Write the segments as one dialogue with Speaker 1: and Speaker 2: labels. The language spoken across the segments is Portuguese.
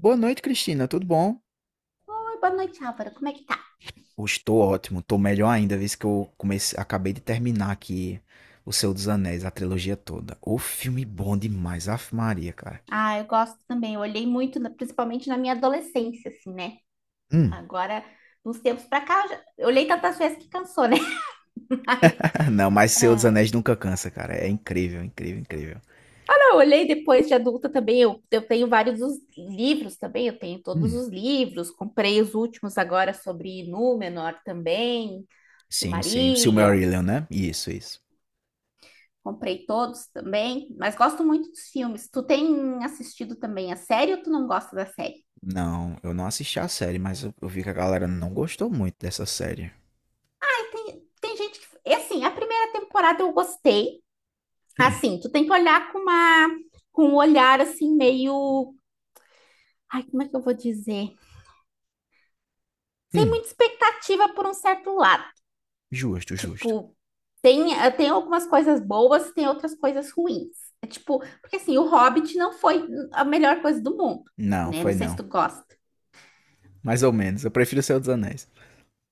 Speaker 1: Boa noite, Cristina. Tudo bom?
Speaker 2: Oi, boa noite, Álvaro. Como é que tá?
Speaker 1: Eu estou ótimo. Estou melhor ainda, visto que acabei de terminar aqui O Senhor dos Anéis, a trilogia toda. O filme bom demais, Ave Maria, cara.
Speaker 2: Ah, eu gosto também. Eu olhei muito, principalmente na minha adolescência, assim, né?
Speaker 1: Hum.
Speaker 2: Agora, nos tempos pra cá, eu olhei tantas vezes que cansou, né? Mas,
Speaker 1: Não, mas Senhor dos
Speaker 2: é...
Speaker 1: Anéis nunca cansa, cara. É incrível, incrível, incrível.
Speaker 2: Ah, não, eu olhei depois de adulta também. Eu tenho vários dos livros também. Eu tenho todos
Speaker 1: Hum.
Speaker 2: os livros. Comprei os últimos agora sobre Númenor também,
Speaker 1: Sim, sim.
Speaker 2: Silmarillion.
Speaker 1: Silmarillion, né? Isso, isso.
Speaker 2: Comprei todos também, mas gosto muito dos filmes. Tu tem assistido também a série ou tu não gosta da série?
Speaker 1: Não, eu não assisti a série, mas eu vi que a galera não gostou muito dessa série.
Speaker 2: Tem gente que. É assim, a primeira temporada eu gostei.
Speaker 1: Hum.
Speaker 2: Assim, tu tem que olhar com um olhar assim, meio. Ai, como é que eu vou dizer? Sem
Speaker 1: Hum.
Speaker 2: muita expectativa por um certo lado.
Speaker 1: Justo, justo.
Speaker 2: Tipo, tem, tem algumas coisas boas, tem outras coisas ruins. É tipo, porque assim, o Hobbit não foi a melhor coisa do mundo,
Speaker 1: Não,
Speaker 2: né? Não
Speaker 1: foi
Speaker 2: sei se
Speaker 1: não.
Speaker 2: tu gosta.
Speaker 1: Mais ou menos. Eu prefiro O Senhor dos Anéis.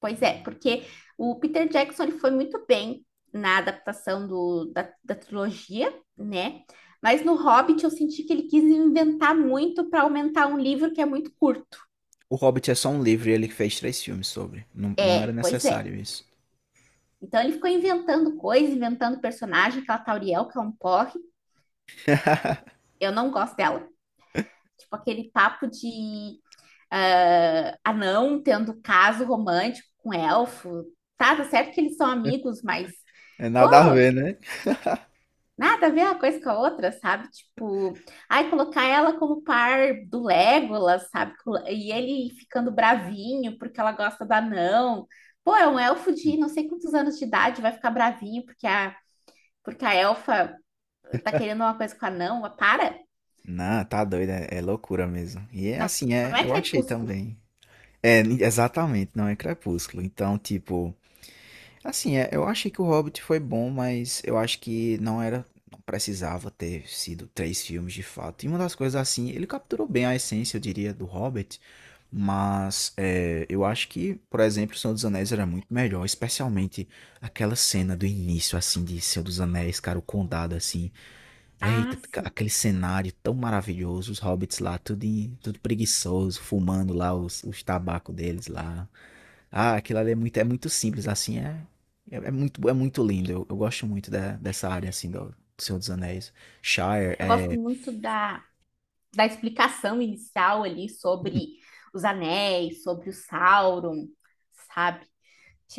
Speaker 2: Pois é, porque o Peter Jackson ele foi muito bem na adaptação da trilogia, né? Mas no Hobbit eu senti que ele quis inventar muito para aumentar um livro que é muito curto.
Speaker 1: O Hobbit é só um livro e ele fez três filmes sobre. Não, não era
Speaker 2: É, pois é.
Speaker 1: necessário isso.
Speaker 2: Então ele ficou inventando coisas, inventando personagem, aquela Tauriel, que é um porre. Eu não gosto dela. Tipo, aquele papo de anão tendo caso romântico com elfo. Tá certo que eles são amigos, mas,
Speaker 1: É
Speaker 2: pô,
Speaker 1: nada a ver, né?
Speaker 2: nada a ver uma coisa com a outra, sabe? Tipo, ai, colocar ela como par do Legolas, sabe? E ele ficando bravinho porque ela gosta do anão. Pô, é um elfo de não sei quantos anos de idade, vai ficar bravinho porque a elfa tá querendo uma coisa com o anão. Para!
Speaker 1: Não, tá doido, é, é loucura mesmo. E é assim, é,
Speaker 2: Não é
Speaker 1: eu achei
Speaker 2: crepúsculo.
Speaker 1: também. É, exatamente, não é Crepúsculo. Então, tipo, assim, é, eu achei que o Hobbit foi bom, mas eu acho que não era, não precisava ter sido três filmes de fato. E uma das coisas assim, ele capturou bem a essência, eu diria, do Hobbit, mas é, eu acho que, por exemplo, o Senhor dos Anéis era muito melhor, especialmente aquela cena do início, assim, de Senhor dos Anéis, cara, o condado, assim, eita,
Speaker 2: Ah, sim.
Speaker 1: aquele cenário tão maravilhoso, os hobbits lá, tudo, tudo preguiçoso, fumando lá os tabacos deles lá. Ah, aquilo ali é muito simples, assim, é, é, é muito lindo. Eu gosto muito dessa área, assim, do, do Senhor dos Anéis. Shire,
Speaker 2: Eu gosto
Speaker 1: é...
Speaker 2: muito da explicação inicial ali sobre os anéis, sobre o Sauron, sabe?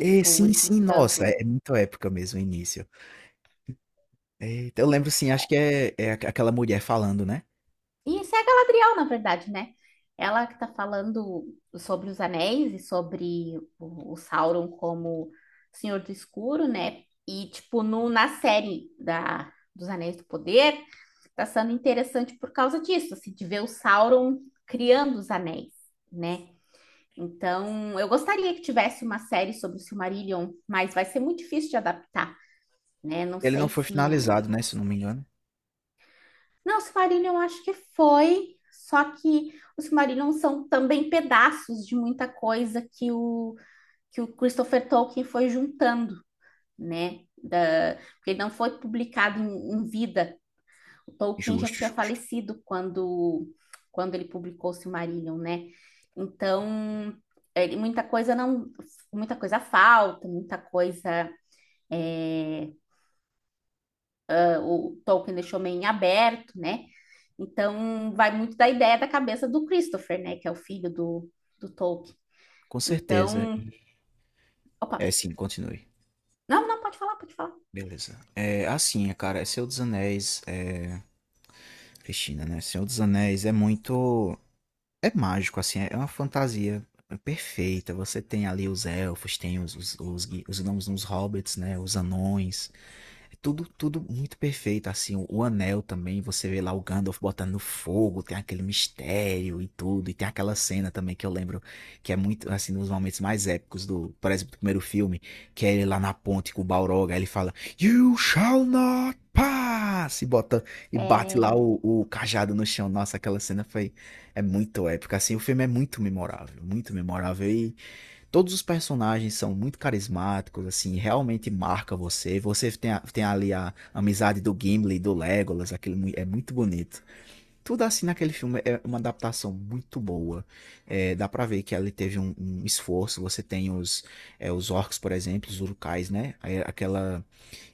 Speaker 1: É, sim, sim, nossa,
Speaker 2: explicando.
Speaker 1: é, é muito épica mesmo o início. É, então eu lembro, sim, acho que é, é aquela mulher falando, né?
Speaker 2: E isso é a Galadriel, na verdade, né? Ela que tá falando sobre os anéis e sobre o Sauron como Senhor do Escuro, né? E, tipo, no, na série dos Anéis do Poder, tá sendo interessante por causa disso, assim, de ver o Sauron criando os anéis, né? Então, eu gostaria que tivesse uma série sobre o Silmarillion, mas vai ser muito difícil de adaptar, né? Não
Speaker 1: Ele não
Speaker 2: sei
Speaker 1: foi
Speaker 2: se.
Speaker 1: finalizado, né, se eu não me engano.
Speaker 2: Não, Silmarillion eu acho que foi, só que os Silmarillion são também pedaços de muita coisa que o Christopher Tolkien foi juntando, né? Da, porque não foi publicado em vida. O Tolkien já
Speaker 1: Justo,
Speaker 2: tinha
Speaker 1: justo.
Speaker 2: falecido quando, quando ele publicou o Silmarillion, né? Então, muita coisa não, muita coisa falta, muita coisa é, o Tolkien deixou meio em aberto, né? Então, vai muito da ideia da cabeça do Christopher, né? Que é o filho do, do Tolkien.
Speaker 1: Com certeza.
Speaker 2: Então,
Speaker 1: E-
Speaker 2: opa,
Speaker 1: É, sim, continue.
Speaker 2: não, não, pode falar, pode falar.
Speaker 1: Beleza. É, assim, cara, é Senhor dos Anéis, é... Cristina, né? Senhor dos Anéis é muito... É mágico, assim, é uma fantasia perfeita. Você tem ali os elfos, tem os gnomos, os hobbits, né? Os anões. É tudo, tudo muito perfeito, assim, o anel também, você vê lá o Gandalf botando no fogo, tem aquele mistério e tudo, e tem aquela cena também que eu lembro, que é muito, assim, um dos momentos mais épicos do, por exemplo, do primeiro filme, que é ele lá na ponte com o Balrog, aí ele fala, You shall not pass, e bota, e bate lá
Speaker 2: É,
Speaker 1: o cajado no chão, nossa, aquela cena foi, é muito épica, assim, o filme é muito memorável, e todos os personagens são muito carismáticos, assim, realmente marca você. Você tem, tem ali a amizade do Gimli, do Legolas, aquele é muito bonito. Tudo assim naquele filme é uma adaptação muito boa. É, dá pra ver que ali teve um esforço. Você tem os, é, os orcs, por exemplo, os urukais, né? Aí aquela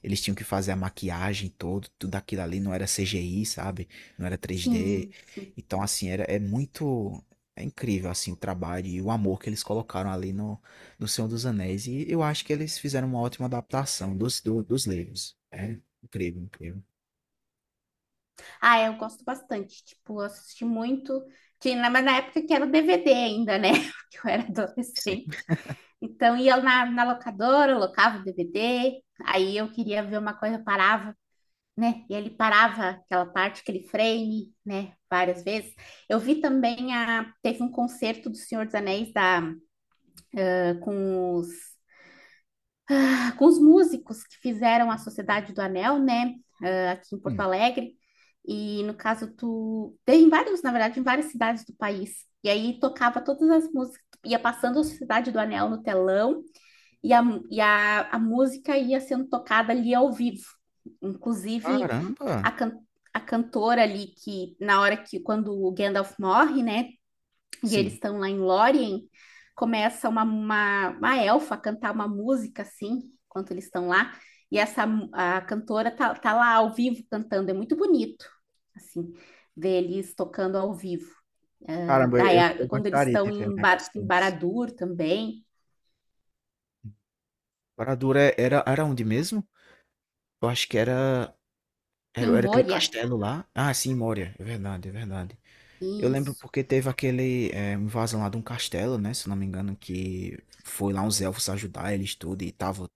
Speaker 1: eles tinham que fazer a maquiagem todo, tudo aquilo ali não era CGI, sabe? Não era 3D.
Speaker 2: sim, sim.
Speaker 1: Então, assim, era, é muito. É incrível, assim, o trabalho e o amor que eles colocaram ali no, no Senhor dos Anéis. E eu acho que eles fizeram uma ótima adaptação dos, dos livros. É incrível, incrível.
Speaker 2: Ah, eu gosto bastante, tipo, eu assisti muito, tinha, né, mas na época que era o DVD ainda, né? Porque eu era
Speaker 1: Sim.
Speaker 2: adolescente. Então, ia na locadora, eu locava o DVD, aí eu queria ver uma coisa, eu parava, né? E ele parava aquela parte, aquele frame, né? Várias vezes. Eu vi também a teve um concerto do Senhor dos Anéis da ah, com os ah, com os músicos que fizeram a Sociedade do Anel, né? Aqui em Porto
Speaker 1: Hum,
Speaker 2: Alegre. E no caso tu tem vários, na verdade, em várias cidades do país. E aí tocava todas as músicas, ia passando a Sociedade do Anel no telão e a, a música ia sendo tocada ali ao vivo. Inclusive,
Speaker 1: caramba!
Speaker 2: a, can- a cantora ali que, na hora que, quando o Gandalf morre, né, e eles
Speaker 1: Sim.
Speaker 2: estão lá em Lórien, começa uma elfa a cantar uma música, assim, enquanto eles estão lá, e essa a cantora tá lá ao vivo cantando, é muito bonito, assim, ver eles tocando ao vivo.
Speaker 1: Caramba,
Speaker 2: Daí,
Speaker 1: eu
Speaker 2: quando eles
Speaker 1: gostaria de
Speaker 2: estão
Speaker 1: ver um
Speaker 2: em,
Speaker 1: negócio
Speaker 2: Em
Speaker 1: desse.
Speaker 2: Barad-dûr também,
Speaker 1: Barad-dûr era, era onde mesmo? Eu acho que era,
Speaker 2: em
Speaker 1: era, era aquele
Speaker 2: Moria,
Speaker 1: castelo lá. Ah, sim, Moria. É verdade, é verdade. Eu lembro
Speaker 2: isso.
Speaker 1: porque teve aquele é, invasão lá de um castelo, né? Se eu não me engano, que foi lá uns elfos ajudar eles tudo e tava,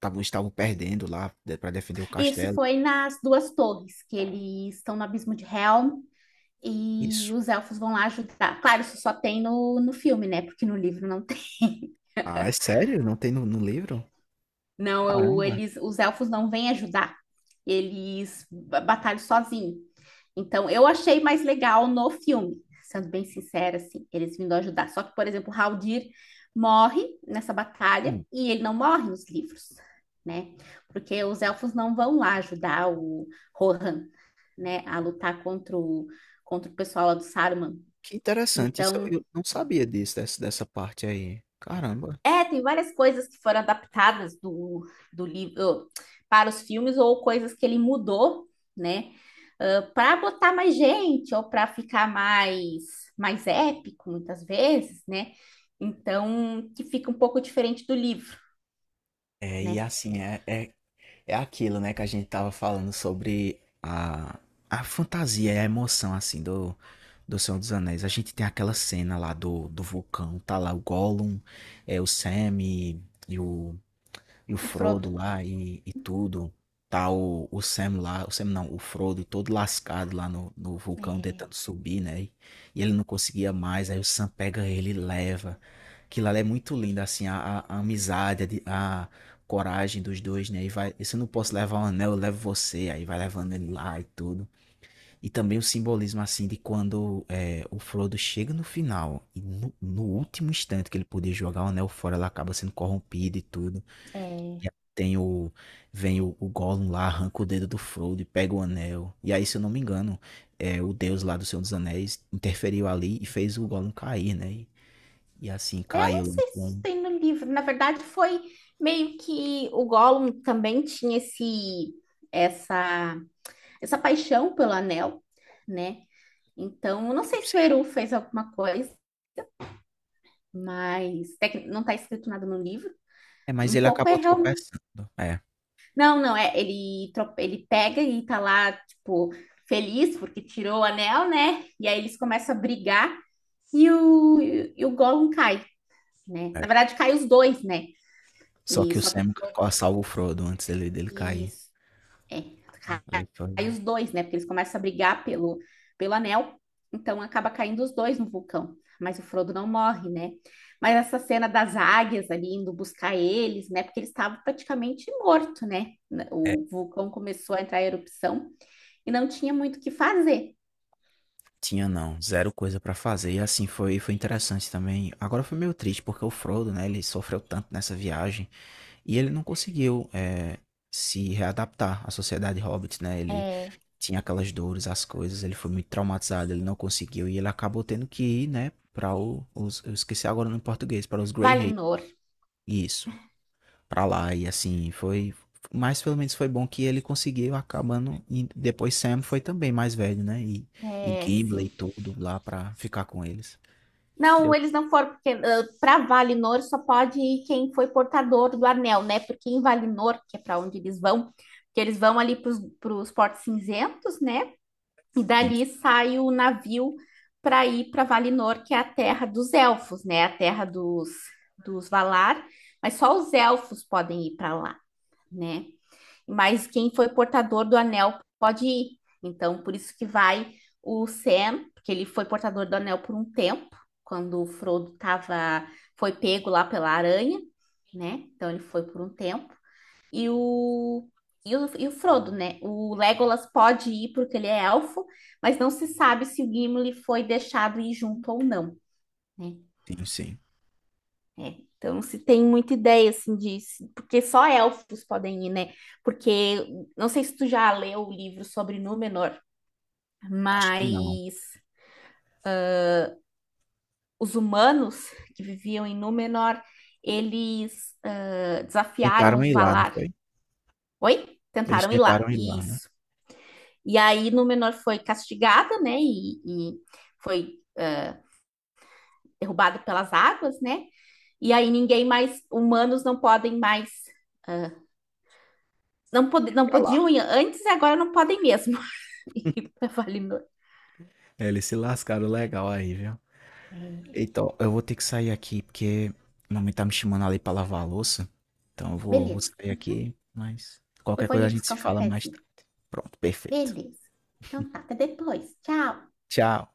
Speaker 1: estavam perdendo lá pra defender o
Speaker 2: Isso
Speaker 1: castelo.
Speaker 2: foi nas Duas Torres, que eles estão no Abismo de Helm, e
Speaker 1: Isso.
Speaker 2: os elfos vão lá ajudar. Claro, isso só tem no filme, né? Porque no livro não tem.
Speaker 1: Ah, é sério? Não tem no, no livro?
Speaker 2: Não,
Speaker 1: Caramba.
Speaker 2: os elfos não vêm ajudar. Eles batalham sozinhos. Então, eu achei mais legal no filme, sendo bem sincera, assim, eles vindo ajudar. Só que, por exemplo, o Haldir morre nessa batalha
Speaker 1: Hum,
Speaker 2: e ele não morre nos livros, né? Porque os elfos não vão lá ajudar o Rohan, né, a lutar contra o pessoal lá do Saruman.
Speaker 1: Que interessante. Isso eu
Speaker 2: Então,
Speaker 1: eu não sabia disso, dessa, dessa parte aí. Caramba.
Speaker 2: é, tem várias coisas que foram adaptadas do, do livro para os filmes ou coisas que ele mudou, né? Para botar mais gente ou para ficar mais épico muitas vezes, né? Então, que fica um pouco diferente do livro,
Speaker 1: É, e
Speaker 2: né?
Speaker 1: assim, é, é- É aquilo, né, que a gente tava falando sobre a fantasia e a emoção, assim, do, do Senhor dos Anéis. A gente tem aquela cena lá do, do vulcão, tá lá o Gollum, é, o Sam e, e o e o
Speaker 2: E Frodo.
Speaker 1: Frodo lá e tudo. Tá o Sam lá, o Sam não, o Frodo todo lascado lá no, no vulcão
Speaker 2: É,
Speaker 1: tentando subir, né? E ele não conseguia mais, aí o Sam pega ele e leva. Aquilo lá é muito lindo, assim, a, a amizade, a, a coragem dos dois, né? E vai, se eu não posso levar o anel, eu levo você, aí vai levando ele lá e tudo. E também o simbolismo, assim, de quando é, o Frodo chega no final e no, no último instante que ele podia jogar o anel fora, ele acaba sendo corrompido e tudo.
Speaker 2: é,
Speaker 1: E aí tem o, vem o Gollum lá, arranca o dedo do Frodo e pega o anel. E aí, se eu não me engano, é, o Deus lá do Senhor dos Anéis interferiu ali e fez o Gollum cair, né? E assim,
Speaker 2: eu não
Speaker 1: caiu. Lá
Speaker 2: sei
Speaker 1: com-
Speaker 2: se
Speaker 1: não
Speaker 2: tem no livro. Na verdade, foi meio que o Gollum também tinha esse essa essa paixão pelo anel, né? Então, eu não sei se o
Speaker 1: sei.
Speaker 2: Eru fez alguma coisa, mas não está escrito nada no livro.
Speaker 1: É, mas
Speaker 2: Um
Speaker 1: ele
Speaker 2: pouco é
Speaker 1: acabou
Speaker 2: real.
Speaker 1: tropeçando. É,
Speaker 2: Não, não, é. Ele pega e tá lá, tipo, feliz porque tirou o anel, né? E aí eles começam a brigar e o Gollum cai, né? Na
Speaker 1: é.
Speaker 2: verdade, cai os dois, né?
Speaker 1: Só
Speaker 2: E
Speaker 1: que o
Speaker 2: só que o
Speaker 1: Sam
Speaker 2: Frodo.
Speaker 1: salva o Frodo antes dele, dele cair.
Speaker 2: Isso. É,
Speaker 1: Ali foi...
Speaker 2: cai os dois, né? Porque eles começam a brigar pelo anel, então acaba caindo os dois no vulcão. Mas o Frodo não morre, né? Mas essa cena das águias ali indo buscar eles, né? Porque ele estava praticamente morto, né?
Speaker 1: É,
Speaker 2: O vulcão começou a entrar em erupção e não tinha muito o que fazer.
Speaker 1: tinha não, zero coisa pra fazer. E assim, foi, foi interessante também. Agora foi meio triste, porque o Frodo, né, ele sofreu tanto nessa viagem. E ele não conseguiu é, se readaptar à sociedade hobbit, né? Ele
Speaker 2: É,
Speaker 1: tinha aquelas dores, as coisas, ele foi muito traumatizado, ele não conseguiu e ele acabou tendo que ir, né, para os eu esqueci agora no português, para os Grey Hay,
Speaker 2: Valinor,
Speaker 1: isso, para lá e assim, foi mas pelo menos foi bom que ele conseguiu acabando e depois Sam foi também mais velho, né? E
Speaker 2: é,
Speaker 1: Gimli
Speaker 2: sim.
Speaker 1: e tudo lá para ficar com eles.
Speaker 2: Não,
Speaker 1: Deu
Speaker 2: eles não foram, porque para Valinor só pode ir quem foi portador do anel, né? Porque em Valinor, que é para onde eles vão, que eles vão ali para os portos cinzentos, né? E
Speaker 1: sim,
Speaker 2: dali sai o navio para ir para Valinor, que é a terra dos elfos, né? A terra dos, dos Valar, mas só os elfos podem ir para lá, né? Mas quem foi portador do anel pode ir. Então, por isso que vai o Sam, porque ele foi portador do anel por um tempo, quando o Frodo tava, foi pego lá pela aranha, né? Então ele foi por um tempo. E o, e o Frodo, né? O Legolas pode ir porque ele é elfo, mas não se sabe se o Gimli foi deixado ir junto ou não, né?
Speaker 1: sim, sim.
Speaker 2: É, então não se tem muita ideia assim disso, porque só elfos podem ir, né? Porque não sei se tu já leu o livro sobre Númenor,
Speaker 1: Acho que não.
Speaker 2: mas os humanos que viviam em Númenor, eles desafiaram
Speaker 1: Tentaram
Speaker 2: os
Speaker 1: ir lá, não
Speaker 2: Valar.
Speaker 1: foi?
Speaker 2: Oi?
Speaker 1: Eles
Speaker 2: Tentaram ir lá.
Speaker 1: tentaram ir lá, né?
Speaker 2: Isso. E aí Númenor foi castigada, né? E foi derrubada pelas águas, né? E aí ninguém mais, humanos não podem mais, ah, não
Speaker 1: Pra lá.
Speaker 2: podiam ir antes e agora não podem mesmo. E eu falei, "Não."
Speaker 1: É, eles se lascaram legal aí, viu?
Speaker 2: É,
Speaker 1: Então, eu vou ter que sair aqui porque a mamãe tá me chamando ali pra lavar a louça. Então, eu vou
Speaker 2: beleza.
Speaker 1: sair aqui, mas
Speaker 2: Eu
Speaker 1: qualquer
Speaker 2: vou
Speaker 1: coisa a
Speaker 2: ali
Speaker 1: gente
Speaker 2: buscar
Speaker 1: se
Speaker 2: um
Speaker 1: fala mais
Speaker 2: cafezinho.
Speaker 1: tarde. Pronto, perfeito.
Speaker 2: Beleza. Então tá, até depois. Tchau.
Speaker 1: Tchau.